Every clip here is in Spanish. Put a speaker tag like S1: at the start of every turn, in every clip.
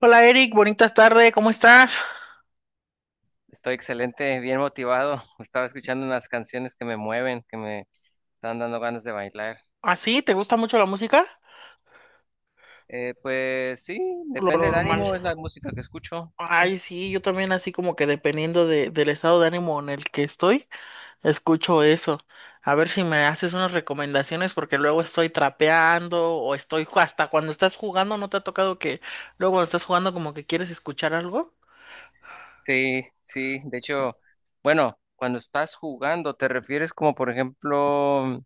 S1: Hola Eric, bonitas tardes, ¿cómo estás?
S2: Estoy excelente, bien motivado. Estaba escuchando unas canciones que me mueven, que me están dando ganas de bailar.
S1: ¿Así? ¿Te gusta mucho la música?
S2: Pues sí,
S1: Lo
S2: depende del
S1: normal.
S2: ánimo, es la música que escucho, sí.
S1: Ay, sí, yo también así como que dependiendo del estado de ánimo en el que estoy, escucho eso. A ver si me haces unas recomendaciones porque luego estoy trapeando o estoy hasta cuando estás jugando, ¿no te ha tocado que luego cuando estás jugando como que quieres escuchar algo?
S2: Sí, sí, de hecho, bueno, cuando estás jugando, ¿te refieres como por ejemplo...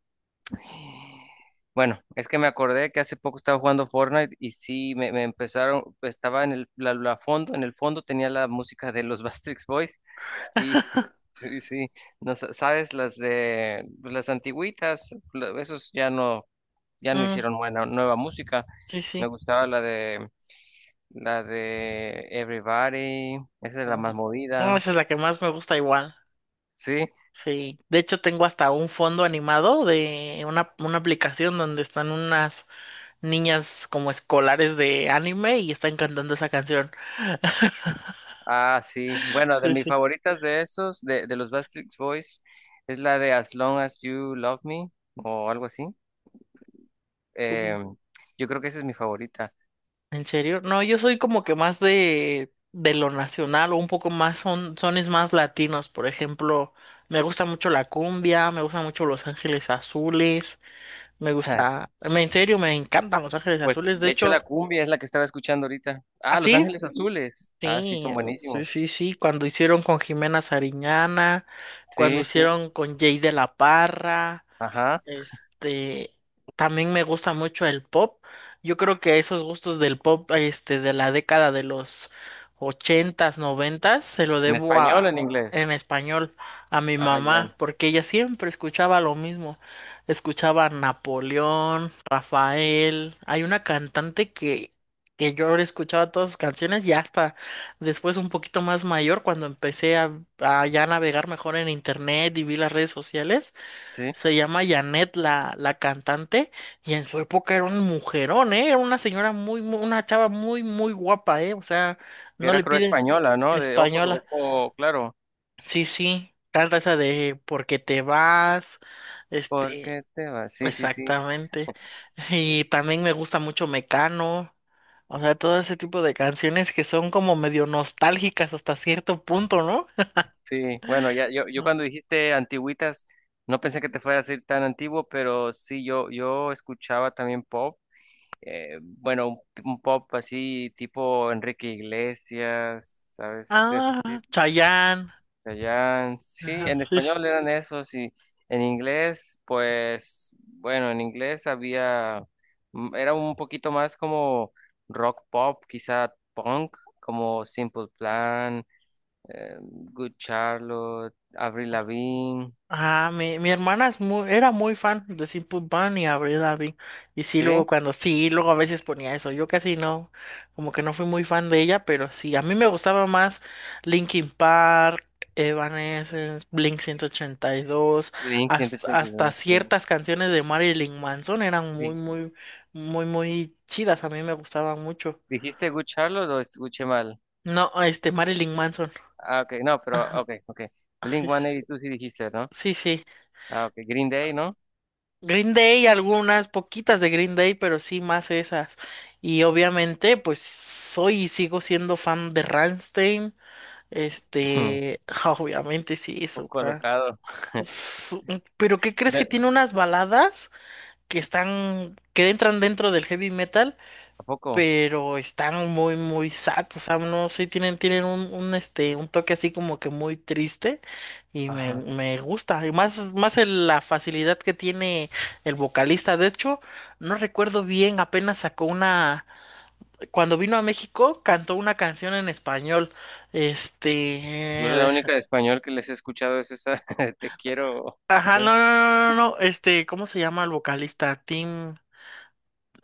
S2: Bueno, es que me acordé que hace poco estaba jugando Fortnite y sí, me empezaron, estaba en la fondo, en el fondo tenía la música de los Backstreet Boys y sí, sí. No, sabes, las de pues, las antiguitas, esos ya no, ya no
S1: Mm,
S2: hicieron buena, nueva música.
S1: sí,
S2: Me
S1: sí.
S2: gustaba la de Everybody, esa es la más
S1: Ujú. No,
S2: movida.
S1: esa es la que más me gusta igual.
S2: Sí,
S1: Sí. De hecho, tengo hasta un fondo animado de una aplicación donde están unas niñas como escolares de anime y están cantando esa canción.
S2: ah, sí. Bueno, de
S1: Sí,
S2: mis
S1: sí.
S2: favoritas de esos, de los Backstreet Boys, es la de As Long as You Love Me o algo así.
S1: Mm.
S2: Eh, yo creo que esa es mi favorita.
S1: ¿En serio? No, yo soy como que más de lo nacional o un poco más son sones más latinos. Por ejemplo, me gusta mucho la cumbia, me gusta mucho Los Ángeles Azules, en serio, me encantan Los Ángeles
S2: Pues,
S1: Azules. De
S2: de hecho, la
S1: hecho,
S2: cumbia es la que estaba escuchando ahorita. Ah, Los
S1: ¿así?
S2: Ángeles Azules. Ah, sí,
S1: Sí,
S2: son
S1: sí,
S2: buenísimos.
S1: sí, sí. Cuando hicieron con Jimena Sariñana, cuando
S2: Sí, sí,
S1: hicieron con Jay de la Parra.
S2: ajá.
S1: Este, también me gusta mucho el pop. Yo creo que esos gustos del pop, este, de la década de los ochentas, noventas, se lo
S2: En
S1: debo
S2: español,
S1: a,
S2: en
S1: en
S2: inglés.
S1: español, a mi
S2: Ajá, ya.
S1: mamá, porque ella siempre escuchaba lo mismo. Escuchaba Napoleón, Rafael. Hay una cantante que yo escuchaba todas sus canciones y hasta después un poquito más mayor, cuando a ya navegar mejor en internet y vi las redes sociales.
S2: Sí,
S1: Se llama Janet la cantante y en su época era un mujerón, ¿eh? Era una señora una chava muy, muy guapa, ¿eh? O sea,
S2: que
S1: no
S2: era
S1: le
S2: creo
S1: piden
S2: española, ¿no? De ojos,
S1: española.
S2: ojo, claro.
S1: Sí, sí, canta esa de ¿porque te vas?
S2: ¿Por
S1: Este,
S2: qué te vas? Sí, sí, sí,
S1: exactamente. Y también me gusta mucho Mecano. O sea, todo ese tipo de canciones que son como medio nostálgicas hasta cierto punto, ¿no?
S2: sí. Bueno, ya, yo cuando dijiste antigüitas, no pensé que te fuera a decir tan antiguo, pero sí, yo escuchaba también pop. Bueno, un pop así tipo Enrique Iglesias, ¿sabes? De ese
S1: Ah, Chayanne.
S2: allá, sí,
S1: Ajá,
S2: en
S1: sí, sí.
S2: español eran esos y en inglés, pues, bueno, en inglés había, era un poquito más como rock pop, quizá punk, como Simple Plan, Good Charlotte, Avril Lavigne,
S1: Ah, mi hermana es muy, era muy fan de Simple Plan y Avril Lavigne. Y sí, luego
S2: ¿sí?
S1: cuando sí, luego a veces ponía eso. Yo casi no, como que no fui muy fan de ella, pero sí, a mí me gustaba más Linkin Park, Evanescence, Blink 182,
S2: Blink ciento ochenta y
S1: hasta
S2: dos sí.
S1: ciertas canciones de Marilyn Manson eran muy,
S2: Di-
S1: muy, muy, muy chidas. A mí me gustaban mucho.
S2: ¿Dijiste Good Charlotte o escuché mal?
S1: No, este, Marilyn Manson.
S2: Ah, ok, no, pero,
S1: Ajá,
S2: ok, ok. Blink 182 sí dijiste, ¿no?
S1: sí, sí.
S2: Ah, ok, Green Day, ¿no?
S1: Green Day, algunas poquitas de Green Day, pero sí más esas. Y obviamente, pues soy y sigo siendo fan de Rammstein.
S2: Un
S1: Este, obviamente sí,
S2: poco
S1: eso.
S2: colocado.
S1: Pero ¿qué crees que
S2: De-
S1: tiene unas baladas que entran dentro del heavy metal?
S2: ¿A poco?
S1: Pero están muy, muy sad, o sea, no sé, tienen un toque así como que muy triste y
S2: Ajá.
S1: me gusta, y más la facilidad que tiene el vocalista, de hecho, no recuerdo bien, apenas sacó una, cuando vino a México, cantó una canción en español, este,
S2: Yo la
S1: deja-
S2: única de español que les he escuchado es esa, te quiero, sí,
S1: ajá,
S2: ¿sabes?
S1: no, no, no, no, no, este, ¿cómo se llama el vocalista? Tim...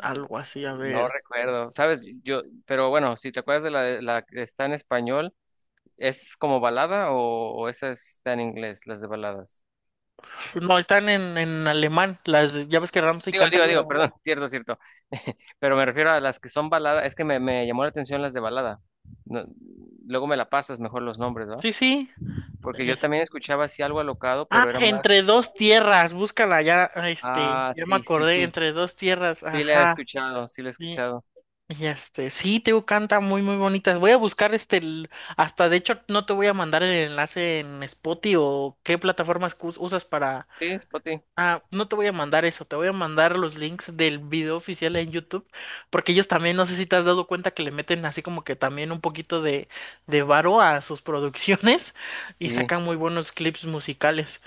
S1: Algo así, a
S2: No
S1: ver.
S2: recuerdo, ¿sabes? Yo, pero bueno, si te acuerdas de la, la que está en español, ¿es como balada o esa está en inglés, las de baladas?
S1: No, están en alemán. Las, ya ves que Ramsey
S2: Digo,
S1: canta
S2: digo,
S1: en
S2: digo,
S1: alemán.
S2: perdón, cierto, cierto, pero me refiero a las que son baladas, es que me llamó la atención las de balada. No- luego me la pasas mejor los nombres, ¿va?
S1: Sí, sí.
S2: Porque yo
S1: Es-
S2: también escuchaba así algo alocado,
S1: Ah,
S2: pero era más...
S1: entre dos tierras, búscala ya, este,
S2: Ah,
S1: ya me
S2: sí, sí,
S1: acordé,
S2: sí,
S1: entre dos tierras,
S2: sí la he
S1: ajá.
S2: escuchado, sí la he
S1: Y,
S2: escuchado.
S1: y este, sí, Teo canta muy, muy bonitas. Voy a buscar este, hasta de hecho no te voy a mandar el enlace en Spotify o qué plataformas usas para...
S2: Sí, Spotty,
S1: Ah, no te voy a mandar eso, te voy a mandar los links del video oficial en YouTube, porque ellos también, no sé si te has dado cuenta que le meten así como que también un poquito de varo a sus producciones y
S2: sí.
S1: sacan muy buenos clips musicales.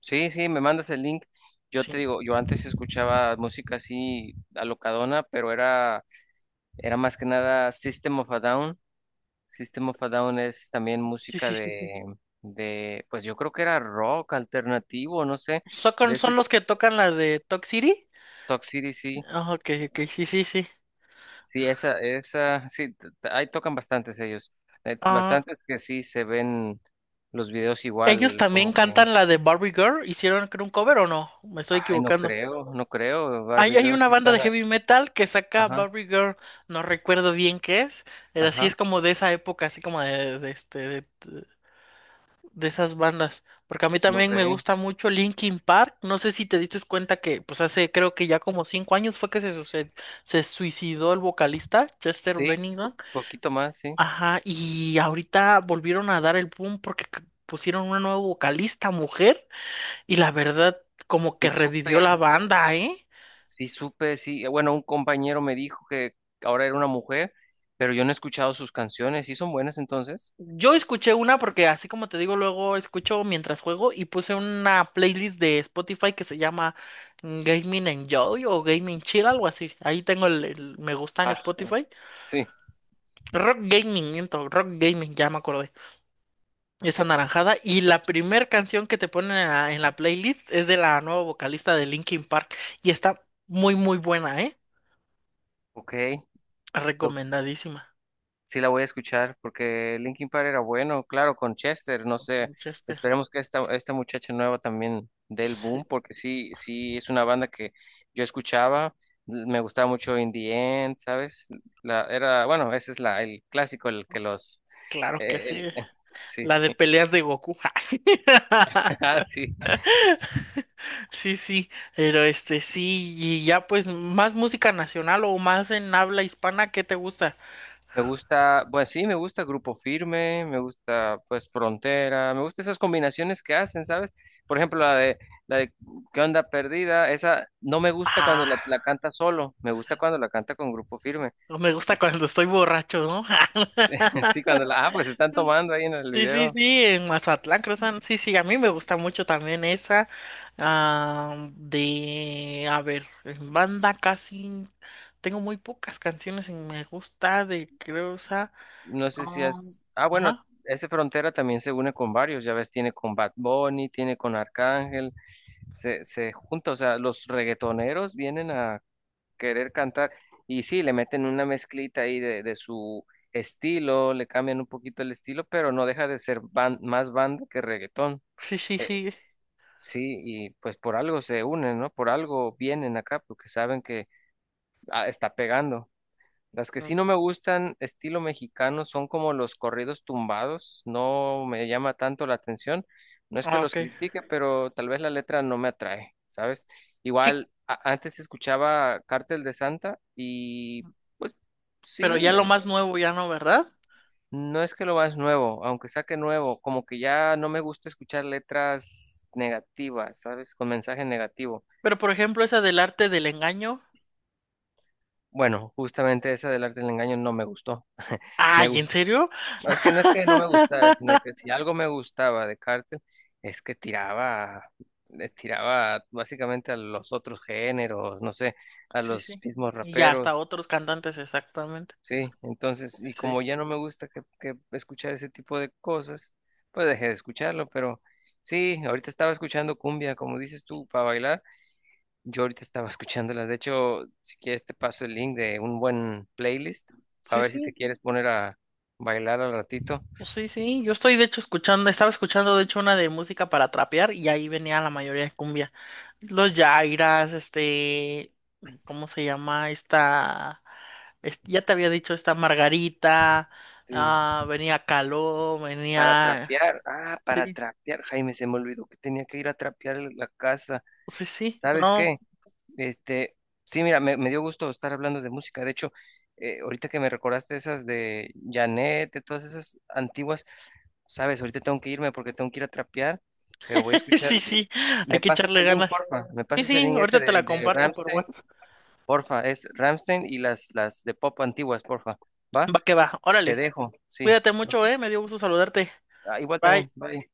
S2: Sí, sí, me mandas el link. Yo te
S1: Sí.
S2: digo, yo antes escuchaba música así alocadona, pero era, era más que nada System of a Down. System of a Down es también
S1: Sí,
S2: música
S1: sí, sí. Sí.
S2: de, pues yo creo que era rock alternativo, no sé, de
S1: ¿Son,
S2: ese
S1: son los que tocan la de Talk City?
S2: Toxicity, sí.
S1: Ah, ok, ok, sí, sí, sí.
S2: Sí, esa, sí, ahí tocan bastantes ellos.
S1: Ah,
S2: Bastantes que sí se ven los videos
S1: ¿ellos
S2: igual,
S1: también
S2: como que,
S1: cantan la de Barbie Girl? ¿Hicieron creo, un cover o no? Me estoy
S2: ay, no
S1: equivocando.
S2: creo, no creo, Barbie
S1: Hay
S2: Girl,
S1: una
S2: sí
S1: banda de
S2: suena,
S1: heavy metal que saca
S2: ajá,
S1: Barbie Girl, no recuerdo bien qué es, pero sí es
S2: ajá,
S1: como de esa época, así como de esas bandas. Porque a mí
S2: no
S1: también me
S2: creo.
S1: gusta mucho Linkin Park. No sé si te diste cuenta que, pues hace creo que ya como cinco años fue que se suicidó el vocalista Chester
S2: Sí,
S1: Bennington.
S2: poquito más, sí.
S1: Ajá, y ahorita volvieron a dar el boom porque pusieron una nueva vocalista mujer y la verdad como que
S2: Sí supe,
S1: revivió la banda, ¿eh?
S2: sí supe, sí. Bueno, un compañero me dijo que ahora era una mujer, pero yo no he escuchado sus canciones. ¿Sí son buenas entonces?
S1: Yo escuché una porque así como te digo, luego escucho mientras juego y puse una playlist de Spotify que se llama Gaming Enjoy o Gaming Chill, algo así. Ahí tengo el me gusta en
S2: Ah,
S1: Spotify.
S2: sí.
S1: Rock Gaming, miento, Rock Gaming, ya me acordé. Es anaranjada. Y la primer canción que te ponen en en la playlist es de la nueva vocalista de Linkin Park. Y está muy, muy buena, ¿eh?
S2: Ok,
S1: Recomendadísima.
S2: sí la voy a escuchar porque Linkin Park era bueno, claro, con Chester, no sé,
S1: Manchester.
S2: esperemos que esta muchacha nueva también dé el
S1: Sí,
S2: boom porque sí, sí es una banda que yo escuchaba, me gustaba mucho In the End, ¿sabes? La, era, bueno, ese es la, el clásico, el que los,
S1: claro que sí.
S2: el- sí,
S1: La de peleas de Goku.
S2: ah, sí.
S1: Sí, sí. Pero este, sí. Y ya, pues, más música nacional o más en habla hispana, ¿qué te gusta?
S2: Me gusta, pues sí, me gusta Grupo Firme, me gusta pues Frontera, me gusta esas combinaciones que hacen, ¿sabes? Por ejemplo, la de ¿Qué onda perdida? Esa no me gusta cuando
S1: Ah,
S2: la canta solo, me gusta cuando la canta con Grupo Firme.
S1: no me gusta cuando estoy borracho, ¿no?
S2: Sí, cuando la, ah, pues están tomando ahí en el
S1: Sí, sí,
S2: video.
S1: sí, en Mazatlán, Cruzan sí, sí, a mí me gusta mucho también esa ah, de, a ver, en banda casi tengo muy pocas canciones en me gusta de, creo,
S2: No sé si
S1: ah,
S2: es, ah, bueno,
S1: ajá,
S2: ese Frontera también se une con varios, ya ves, tiene con Bad Bunny, tiene con Arcángel, se junta, o sea, los reggaetoneros vienen a querer cantar. Y sí, le meten una mezclita ahí de su estilo, le cambian un poquito el estilo, pero no deja de ser ban- más banda que reggaetón.
S1: sí, sí,
S2: Eh,
S1: sí,
S2: sí, y pues por algo se unen, ¿no? Por algo vienen acá, porque saben que ah, está pegando. Las que
S1: mm,
S2: sí no me gustan, estilo mexicano, son como los corridos tumbados. No me llama tanto la atención. No es que
S1: ah,
S2: los
S1: ok,
S2: critique, pero tal vez la letra no me atrae, ¿sabes?
S1: sí,
S2: Igual, antes escuchaba Cártel de Santa y pues
S1: pero
S2: sí,
S1: ya lo
S2: me-
S1: más nuevo ya no, ¿verdad?
S2: no es que lo más nuevo, aunque saque nuevo, como que ya no me gusta escuchar letras negativas, ¿sabes? Con mensaje negativo.
S1: Pero por ejemplo esa del arte del engaño,
S2: Bueno, justamente esa del arte del engaño no me gustó. Me
S1: ay, ¿en
S2: gustó.
S1: serio?
S2: Es que no me gustara, sino que si algo me gustaba de Cartel, es que tiraba, le tiraba básicamente a los otros géneros, no sé, a
S1: Sí,
S2: los
S1: sí,
S2: mismos
S1: y ya
S2: raperos,
S1: hasta otros cantantes exactamente,
S2: sí. Entonces, y
S1: sí,
S2: como ya no me gusta que escuchar ese tipo de cosas, pues dejé de escucharlo, pero sí, ahorita estaba escuchando cumbia, como dices tú, para bailar. Yo ahorita estaba escuchándola. De hecho, si quieres te paso el link de un buen playlist, para
S1: sí,
S2: ver si te
S1: sí.
S2: quieres poner a bailar al ratito.
S1: Pues sí, sí, yo estoy de hecho escuchando, estaba escuchando de hecho una de música para trapear y ahí venía la mayoría de cumbia. Los Yairas, este, ¿cómo se llama? Esta, ya te había dicho esta Margarita,
S2: Sí.
S1: ah, venía Caló,
S2: Para
S1: venía...
S2: trapear, ah, para
S1: Sí,
S2: trapear, Jaime, se me olvidó que tenía que ir a trapear la casa.
S1: sí, sí,
S2: ¿Sabes
S1: no,
S2: qué? Este, sí, mira, me dio gusto estar hablando de música. De hecho, ahorita que me recordaste esas de Janet, de todas esas antiguas, sabes, ahorita tengo que irme porque tengo que ir a trapear, pero voy a escuchar.
S1: sí, sí, hay
S2: ¿Me
S1: que
S2: pasas
S1: echarle
S2: el link,
S1: ganas.
S2: porfa? ¿Me
S1: Sí,
S2: pasas el
S1: sí,
S2: link ese
S1: ahorita te la
S2: de
S1: comparto por
S2: Rammstein?
S1: WhatsApp.
S2: Porfa, es Rammstein y las de pop antiguas, porfa. ¿Va?
S1: Va que va,
S2: Te
S1: órale,
S2: dejo, sí.
S1: cuídate mucho, me dio gusto saludarte.
S2: Ah, igual
S1: Bye.
S2: también, bye.